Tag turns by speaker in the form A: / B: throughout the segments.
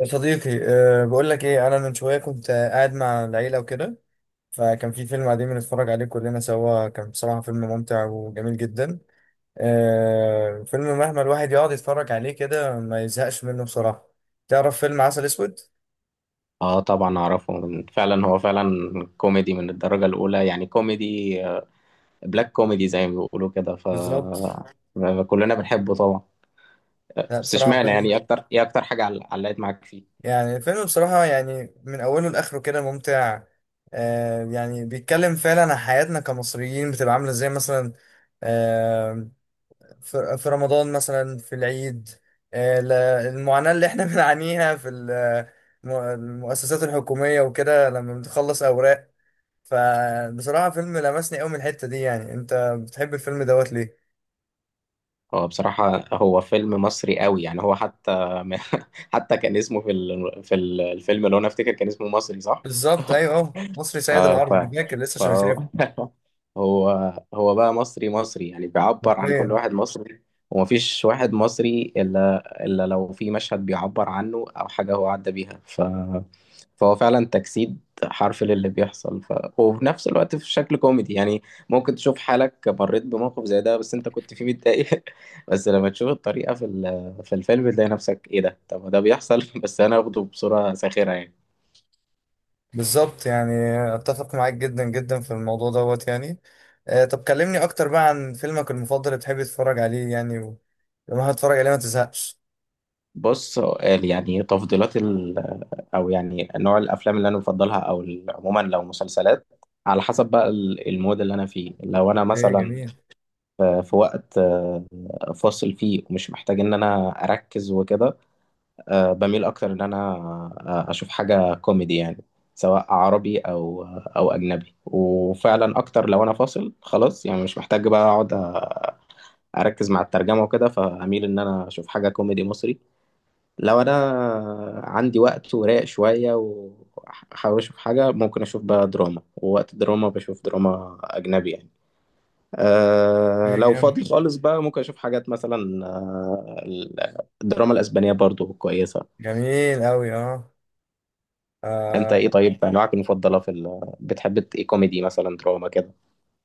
A: يا صديقي بقول لك ايه انا من شويه كنت قاعد مع العيله وكده. فكان في فيلم قاعدين بنتفرج عليه كلنا سوا، كان بصراحه فيلم ممتع وجميل جدا. فيلم مهما الواحد يقعد يتفرج عليه كده ما يزهقش منه بصراحه. تعرف فيلم عسل اسود؟
B: اه طبعا اعرفه فعلا هو فعلا كوميدي من الدرجة الاولى يعني كوميدي بلاك كوميدي زي ما بيقولوا كده ف
A: بالظبط.
B: كلنا بنحبه طبعا.
A: لا
B: بس
A: بصراحه
B: اشمعنى يعني
A: فيلم...
B: إيه اكتر ايه اكتر حاجة علقت معاك فيه؟
A: يعني فيلم بصراحه، يعني من اوله لاخره كده ممتع. يعني بيتكلم فعلا عن حياتنا كمصريين بتبقى عامله ازاي مثلا، آه، في رمضان مثلا، في العيد، المعاناة اللي احنا بنعانيها في المؤسسات الحكومية وكده لما بنخلص أوراق. فبصراحة فيلم لمسني قوي من الحتة دي. يعني انت بتحب الفيلم دوت ليه؟
B: هو بصراحة هو فيلم مصري قوي، يعني هو حتى حتى كان اسمه في الفيلم، اللي هو انا افتكر كان اسمه مصري صح؟
A: بالظبط، ايوه، اهو مصري سيد
B: اه فعلا.
A: العرب، فاكر لسه
B: فهو
A: شايفه.
B: هو هو بقى مصري مصري، يعني بيعبر عن كل
A: حرفيا.
B: واحد مصري، ومفيش واحد مصري إلا لو في مشهد بيعبر عنه أو حاجة هو عدى بيها فهو فعلا تجسيد حرفي للي بيحصل ف... وفي نفس الوقت في شكل كوميدي، يعني ممكن تشوف حالك مريت بموقف زي ده بس أنت كنت فيه متضايق، بس لما تشوف الطريقة في في الفيلم تلاقي نفسك إيه ده، طب ما ده بيحصل بس أنا واخده بصورة ساخرة يعني.
A: بالظبط يعني، اتفق معاك جدا جدا في الموضوع دوت يعني. طب كلمني اكتر بقى عن فيلمك المفضل اللي بتحب تتفرج عليه يعني لما هتتفرج عليه ما تزهقش.
B: بص، سؤال يعني تفضيلات، او يعني نوع الافلام اللي انا بفضلها، او عموما لو مسلسلات، على حسب بقى المود اللي انا فيه. لو انا
A: ايه
B: مثلا
A: جميل.
B: في وقت فاصل فيه ومش محتاج ان انا اركز وكده، بميل اكتر ان انا اشوف حاجة كوميدي، يعني سواء عربي او او اجنبي. وفعلا اكتر لو انا فاصل خلاص، يعني مش محتاج بقى اقعد اركز مع الترجمة وكده، فاميل ان انا اشوف حاجة كوميدي مصري. لو انا عندي وقت ورايق شويه وحابب اشوف حاجه ممكن اشوف بقى دراما، ووقت الدراما بشوف دراما اجنبي يعني. أه
A: ايه
B: لو فاضي
A: جامد.
B: خالص بقى ممكن اشوف حاجات مثلا الدراما الاسبانيه برضو كويسه.
A: جميل أوي، اه.
B: انت ايه
A: آه،
B: طيب؟ انواعك المفضله في بتحب ايه، كوميدي مثلا دراما كده؟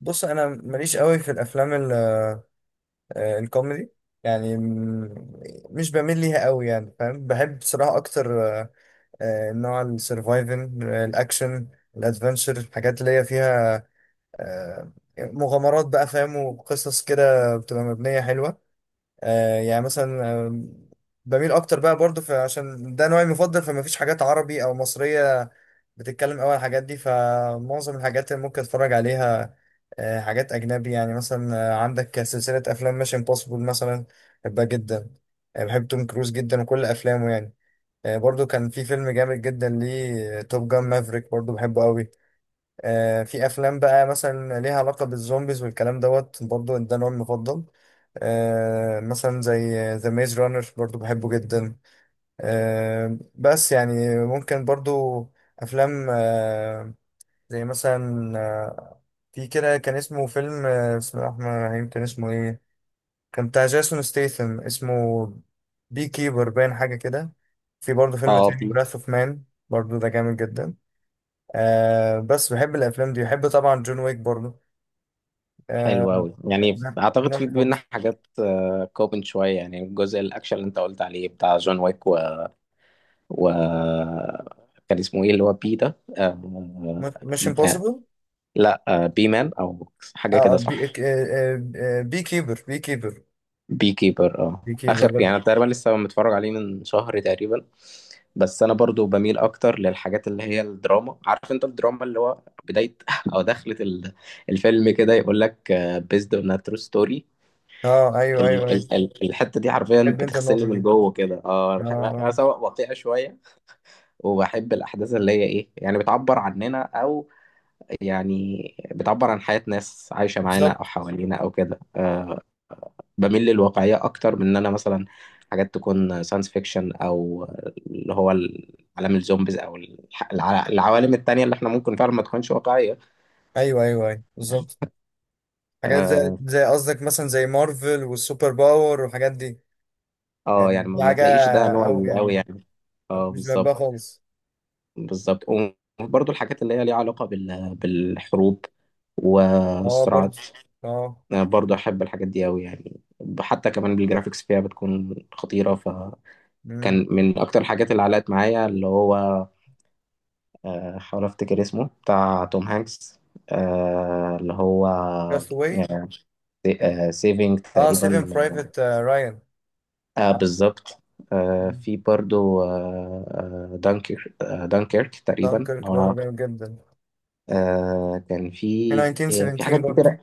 A: بص أنا ماليش أوي في الأفلام الكوميدي، يعني م- مش بميل ليها أوي يعني، فاهم. بحب بصراحة أكتر نوع السرفايفنج، الأكشن، الأدفنشر، الحاجات اللي هي فيها آه، مغامرات بقى فاهم، وقصص كده بتبقى مبنية حلوة. يعني مثلا بميل أكتر بقى برضه عشان ده نوعي المفضل، فمفيش حاجات عربي أو مصرية بتتكلم أوي على الحاجات دي. فمعظم الحاجات اللي ممكن اتفرج عليها حاجات اجنبي يعني. مثلا عندك سلسله افلام ميشن امبوسيبل مثلا، بحبها جدا. بحب توم كروز جدا وكل افلامه يعني. برضو كان في فيلم جامد جدا ليه، توب جان مافريك، برضو بحبه قوي. في افلام بقى مثلا ليها علاقه بالزومبيز والكلام دوت، برضو ده نوع المفضل. مثلا زي ذا ميز رانر برضو بحبه جدا. بس يعني ممكن برضو افلام زي مثلا في كده كان اسمه فيلم، بسم الله الرحمن الرحيم كان اسمه ايه، كان بتاع جاسون ستيثم، اسمه بي كيبر، باين حاجة كده. في برضه فيلم
B: اه،
A: تاني،
B: في.
A: براث اوف مان، برضه ده جامد جدا. بس بحب الافلام دي، بحب طبعا جون ويك برضه.
B: حلو
A: آه
B: قوي، يعني
A: ده
B: اعتقد
A: ده
B: في
A: من
B: بينا
A: برضه.
B: حاجات كومن شويه. يعني الجزء الاكشن اللي انت قلت عليه بتاع جون ويك، وكان اسمه ايه اللي هو بي ده
A: مش
B: آه...
A: امبوسيبل.
B: لا بي مان او
A: اه،
B: حاجه كده
A: بي،
B: صح؟
A: بي كيبر،
B: بي كيبر اه.
A: بي كيبر
B: اخر
A: ده.
B: يعني، أنا تقريبا لسه متفرج عليه من شهر تقريبا. بس انا برضو بميل اكتر للحاجات اللي هي الدراما، عارف انت الدراما اللي هو بدايه او دخلة الفيلم كده يقول لك بيزد اون ترو ستوري،
A: اه ايوه، ايوه، ايوه.
B: الحته دي حرفيا
A: بحب انت
B: بتغسلني
A: النقطة
B: من
A: دي،
B: جوه كده. اه أنا
A: اه.
B: أنا سواء واقعي شويه، وبحب الاحداث اللي هي ايه، يعني بتعبر عننا او يعني بتعبر عن حياة ناس عايشة معانا أو
A: بالظبط.
B: حوالينا أو كده. أه بميل للواقعية أكتر من إن أنا مثلا حاجات تكون ساينس فيكشن أو اللي هو عالم الزومبيز أو العوالم التانية اللي إحنا ممكن فعلا ما تكونش واقعية.
A: ايوه، ايوه، ايوه، بالظبط. حاجات زي
B: أه.
A: زي قصدك مثلا، زي مارفل والسوبر باور والحاجات دي. يعني
B: يعني ما
A: دي
B: ما
A: حاجة
B: تلاقيش ده
A: أو
B: نوعي أوي
A: يعني
B: يعني. اه
A: مش بحبها
B: بالظبط.
A: خالص.
B: بالظبط. وبرضه الحاجات اللي هي ليها علاقة بالحروب
A: اه
B: والصراعات،
A: برضه، اه.
B: أنا برضه أحب الحاجات دي أوي يعني. حتى كمان بالجرافيكس فيها بتكون خطيرة. كان من اكتر الحاجات اللي علقت معايا اللي هو، حاول افتكر اسمه، بتاع توم هانكس، اللي هو
A: كاست واي.
B: سيفينج
A: اه، سيفن
B: تقريبا.
A: برايفت رايان.
B: آه بالظبط. في برضو آه دانكر آه دانكيرك تقريبا
A: دانكيرك
B: لو
A: برضه
B: أنا-
A: جامد جدا.
B: آه كان
A: في
B: في، في
A: 1917
B: حاجات
A: برضه.
B: كتير.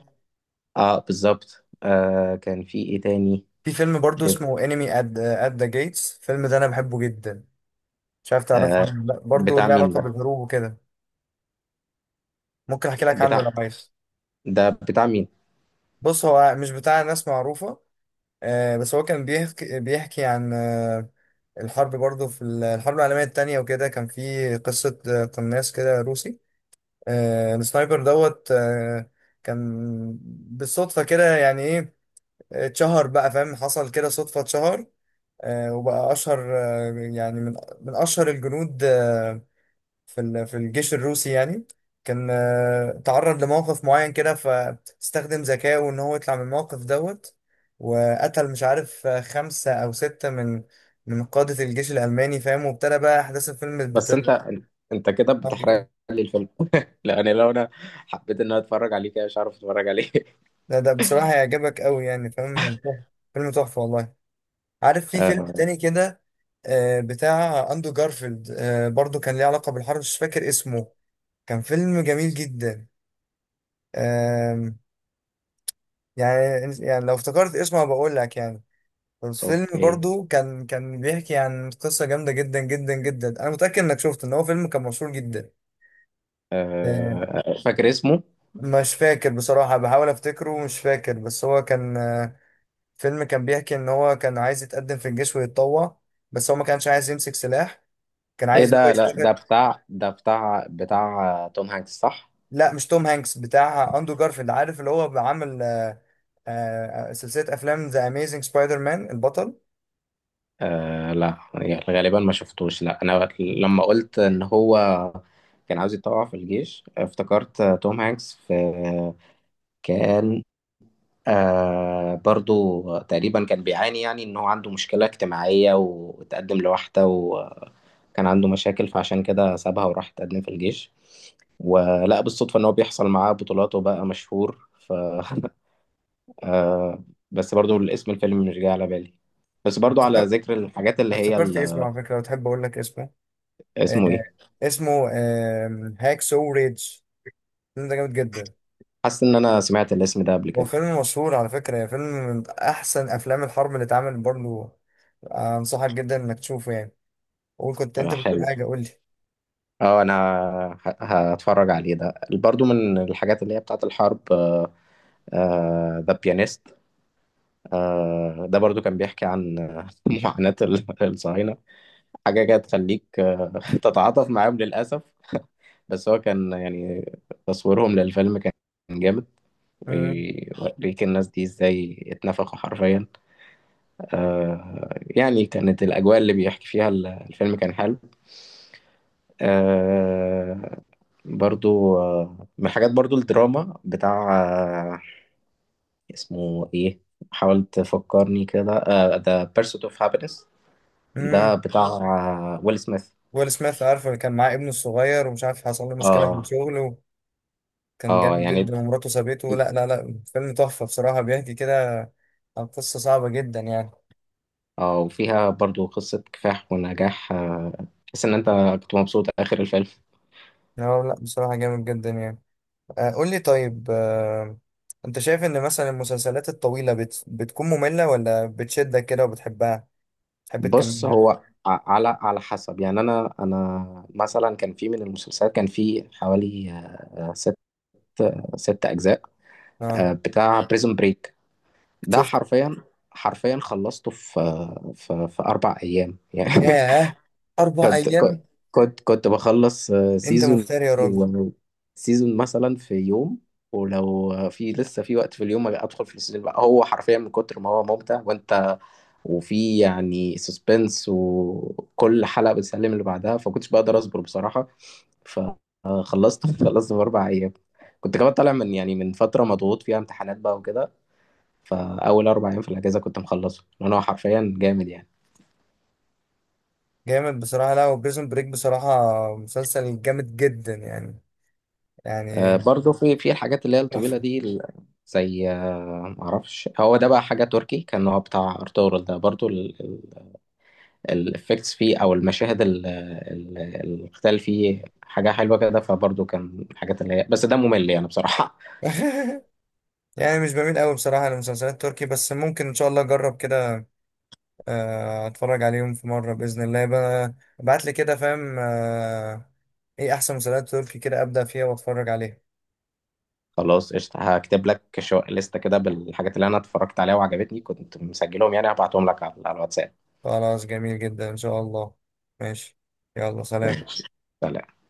B: اه بالظبط. آه كان في ايه تاني؟
A: في فيلم برضه اسمه انمي ات ذا جيتس، الفيلم ده انا بحبه جدا. مش عارف تعرفه عنه
B: آه
A: ولا لأ. برضه
B: بتاع
A: ليه
B: مين
A: علاقة
B: ده؟
A: بالهروب وكده. ممكن احكي لك عنه لو
B: بتاع
A: عايز.
B: ده، بتاع مين؟
A: بص، هو مش بتاع ناس معروفة، بس هو كان بيحكي عن الحرب برضه، في الحرب العالمية التانية وكده. كان في قصة قناص كده روسي، السنايبر دوت، كان بالصدفة كده، يعني ايه اتشهر بقى فاهم، حصل كده صدفة اتشهر. وبقى أشهر يعني من أشهر الجنود في الجيش الروسي يعني. كان تعرض لموقف معين كده، فاستخدم ذكائه ان هو يطلع من الموقف دوت، وقتل مش عارف خمسة او ستة من قادة الجيش الألماني فاهم، وابتدى بقى أحداث الفيلم
B: بس انت، انت كده بتحرق لي الفيلم! لان لو انا حبيت ان انا اتفرج عليه كده مش عارف اتفرج عليه.
A: ده بصراحة هيعجبك أوي يعني فاهم، فيلم تحفة والله. عارف في فيلم
B: آه،
A: تاني كده، بتاع أندرو جارفيلد، برضو كان ليه علاقة بالحرب، مش فاكر اسمه. كان فيلم جميل جدا يعني. يعني لو افتكرت اسمه بقول لك يعني. الفيلم
B: اوكي.
A: برضو كان بيحكي عن قصة جامدة جدا جدا جدا، انا متأكد انك شفته، ان هو فيلم كان مشهور جدا. آه،
B: فاكر اسمه؟
A: مش فاكر بصراحة، بحاول افتكره ومش فاكر. بس هو كان فيلم كان بيحكي ان هو كان عايز يتقدم في الجيش ويتطوع، بس هو ما كانش عايز يمسك سلاح. كان
B: ايه
A: عايز اللي هو
B: ده؟ لا ده
A: يشتغل.
B: بتاع، ده بتاع توم هانكس صح؟
A: لا مش توم هانكس، بتاع اندرو جارفيلد. عارف اللي هو بعمل سلسلة افلام ذا اميزنج سبايدر مان، البطل.
B: آه لا، يعني غالبا ما شفتوش. لا انا لما قلت ان هو كان عاوز يتطوع في الجيش افتكرت توم هانكس في، كان آه برضو تقريبا كان بيعاني، يعني ان هو عنده مشكلة اجتماعية وتقدم لوحده وكان عنده مشاكل فعشان كده سابها وراح تقدم في الجيش، ولقى بالصدفة ان هو بيحصل معاه بطولات وبقى مشهور ف آه. بس برضو الاسم الفيلم مش جاي على بالي. بس برضو على ذكر الحاجات اللي
A: أنا
B: هي
A: افتكرت اسمه على فكرة، لو تحب أقول لك اسمه.
B: اسمه
A: آه
B: ايه،
A: اسمه هاك سو ريدج. الفيلم ده جامد جدا.
B: حاسس ان انا سمعت الاسم ده قبل
A: هو
B: كده.
A: فيلم مشهور على فكرة يعني، فيلم من أحسن أفلام الحرب اللي اتعمل برضه. أنصحك جدا إنك تشوفه يعني. قول، كنت
B: آه
A: أنت بتقول
B: حلو.
A: حاجة، قول لي.
B: اه انا هتفرج عليه. ده برضو من الحاجات اللي هي بتاعت الحرب، ذا بيانيست، ده برضو كان بيحكي عن معاناة الصهاينة، حاجة كده تخليك تتعاطف معاهم للأسف. بس هو كان يعني تصويرهم للفيلم كان جامد،
A: مم.
B: ويوريك الناس دي ازاي اتنفخوا حرفيا. يعني كانت الأجواء اللي بيحكي فيها الفيلم كان حلو. آه، برضو من الحاجات برضو الدراما بتاع آه، اسمه ايه، حاولت تفكرني كده، ذا بيرسوت اوف هابينس، ده
A: مم.
B: بتاع ويل سميث.
A: ويل سميث، عارفه اللي كان معاه ابنه الصغير ومش عارف حصل له مشكلة في
B: اه.
A: الشغل، وكان
B: اه
A: جامد
B: يعني
A: جدا ومراته سابته. لا لا لا، فيلم تحفة بصراحة، بيحكي كده عن قصة صعبة جدا يعني.
B: اه، وفيها برضو قصة كفاح ونجاح. تحس ان انت كنت مبسوط اخر الفيلم.
A: لا لا بصراحة جامد جدا يعني. قول لي طيب انت شايف ان مثلا المسلسلات الطويلة بتكون مملة ولا بتشدك كده وبتحبها، تحب
B: بص
A: تكملها؟
B: هو على على حسب يعني. انا انا مثلا كان في من المسلسلات كان في حوالي ست اجزاء،
A: اه،
B: بتاع بريزون بريك، ده
A: شفت.
B: حرفيا، حرفيا خلصته في في اربع ايام يعني.
A: ياه، اربع
B: كنت كنت
A: ايام
B: كنت بخلص
A: انت
B: سيزون
A: مفتري يا راجل.
B: سيزون مثلا في يوم، ولو في لسه في وقت في اليوم ادخل في السيزون بقى. هو حرفيا من كتر ما هو ممتع وانت، وفي يعني سسبنس وكل حلقة بتسلم اللي بعدها فكنتش بقدر اصبر بصراحة، فخلصت خلصت في اربع ايام. كنت كمان طالع من يعني من فترة مضغوط فيها امتحانات بقى وكده، فاول اربع ايام في الاجازة كنت مخلصه، لان هو حرفيا جامد يعني.
A: جامد بصراحة، لا وبريزون بريك بصراحة مسلسل جامد جدا يعني، يعني
B: برضو في الحاجات اللي هي الطويلة
A: تحفة.
B: دي زي معرفش هو ده بقى حاجة تركي، كان هو بتاع ارطغرل ده برضو، الافكتس فيه او المشاهد القتال فيه حاجة حلوة كده. فبرضو كان الحاجات اللي هي، بس ده ممل يعني بصراحة.
A: يعني مش بميل قوي بصراحة للمسلسلات التركي، بس ممكن ان شاء الله اجرب كده، اتفرج عليهم في مرة بإذن الله بقى. ابعت لي كده فاهم، ايه احسن مسلسلات تركي كده ابدأ فيها واتفرج عليها.
B: خلاص قشطة، هكتب لك شو لستة كده بالحاجات اللي انا اتفرجت عليها وعجبتني، كنت مسجلهم يعني، هبعتهم لك على على الواتساب.
A: خلاص، جميل جدا ان شاء الله. ماشي. يلا سلام.
B: ماشي. سلام.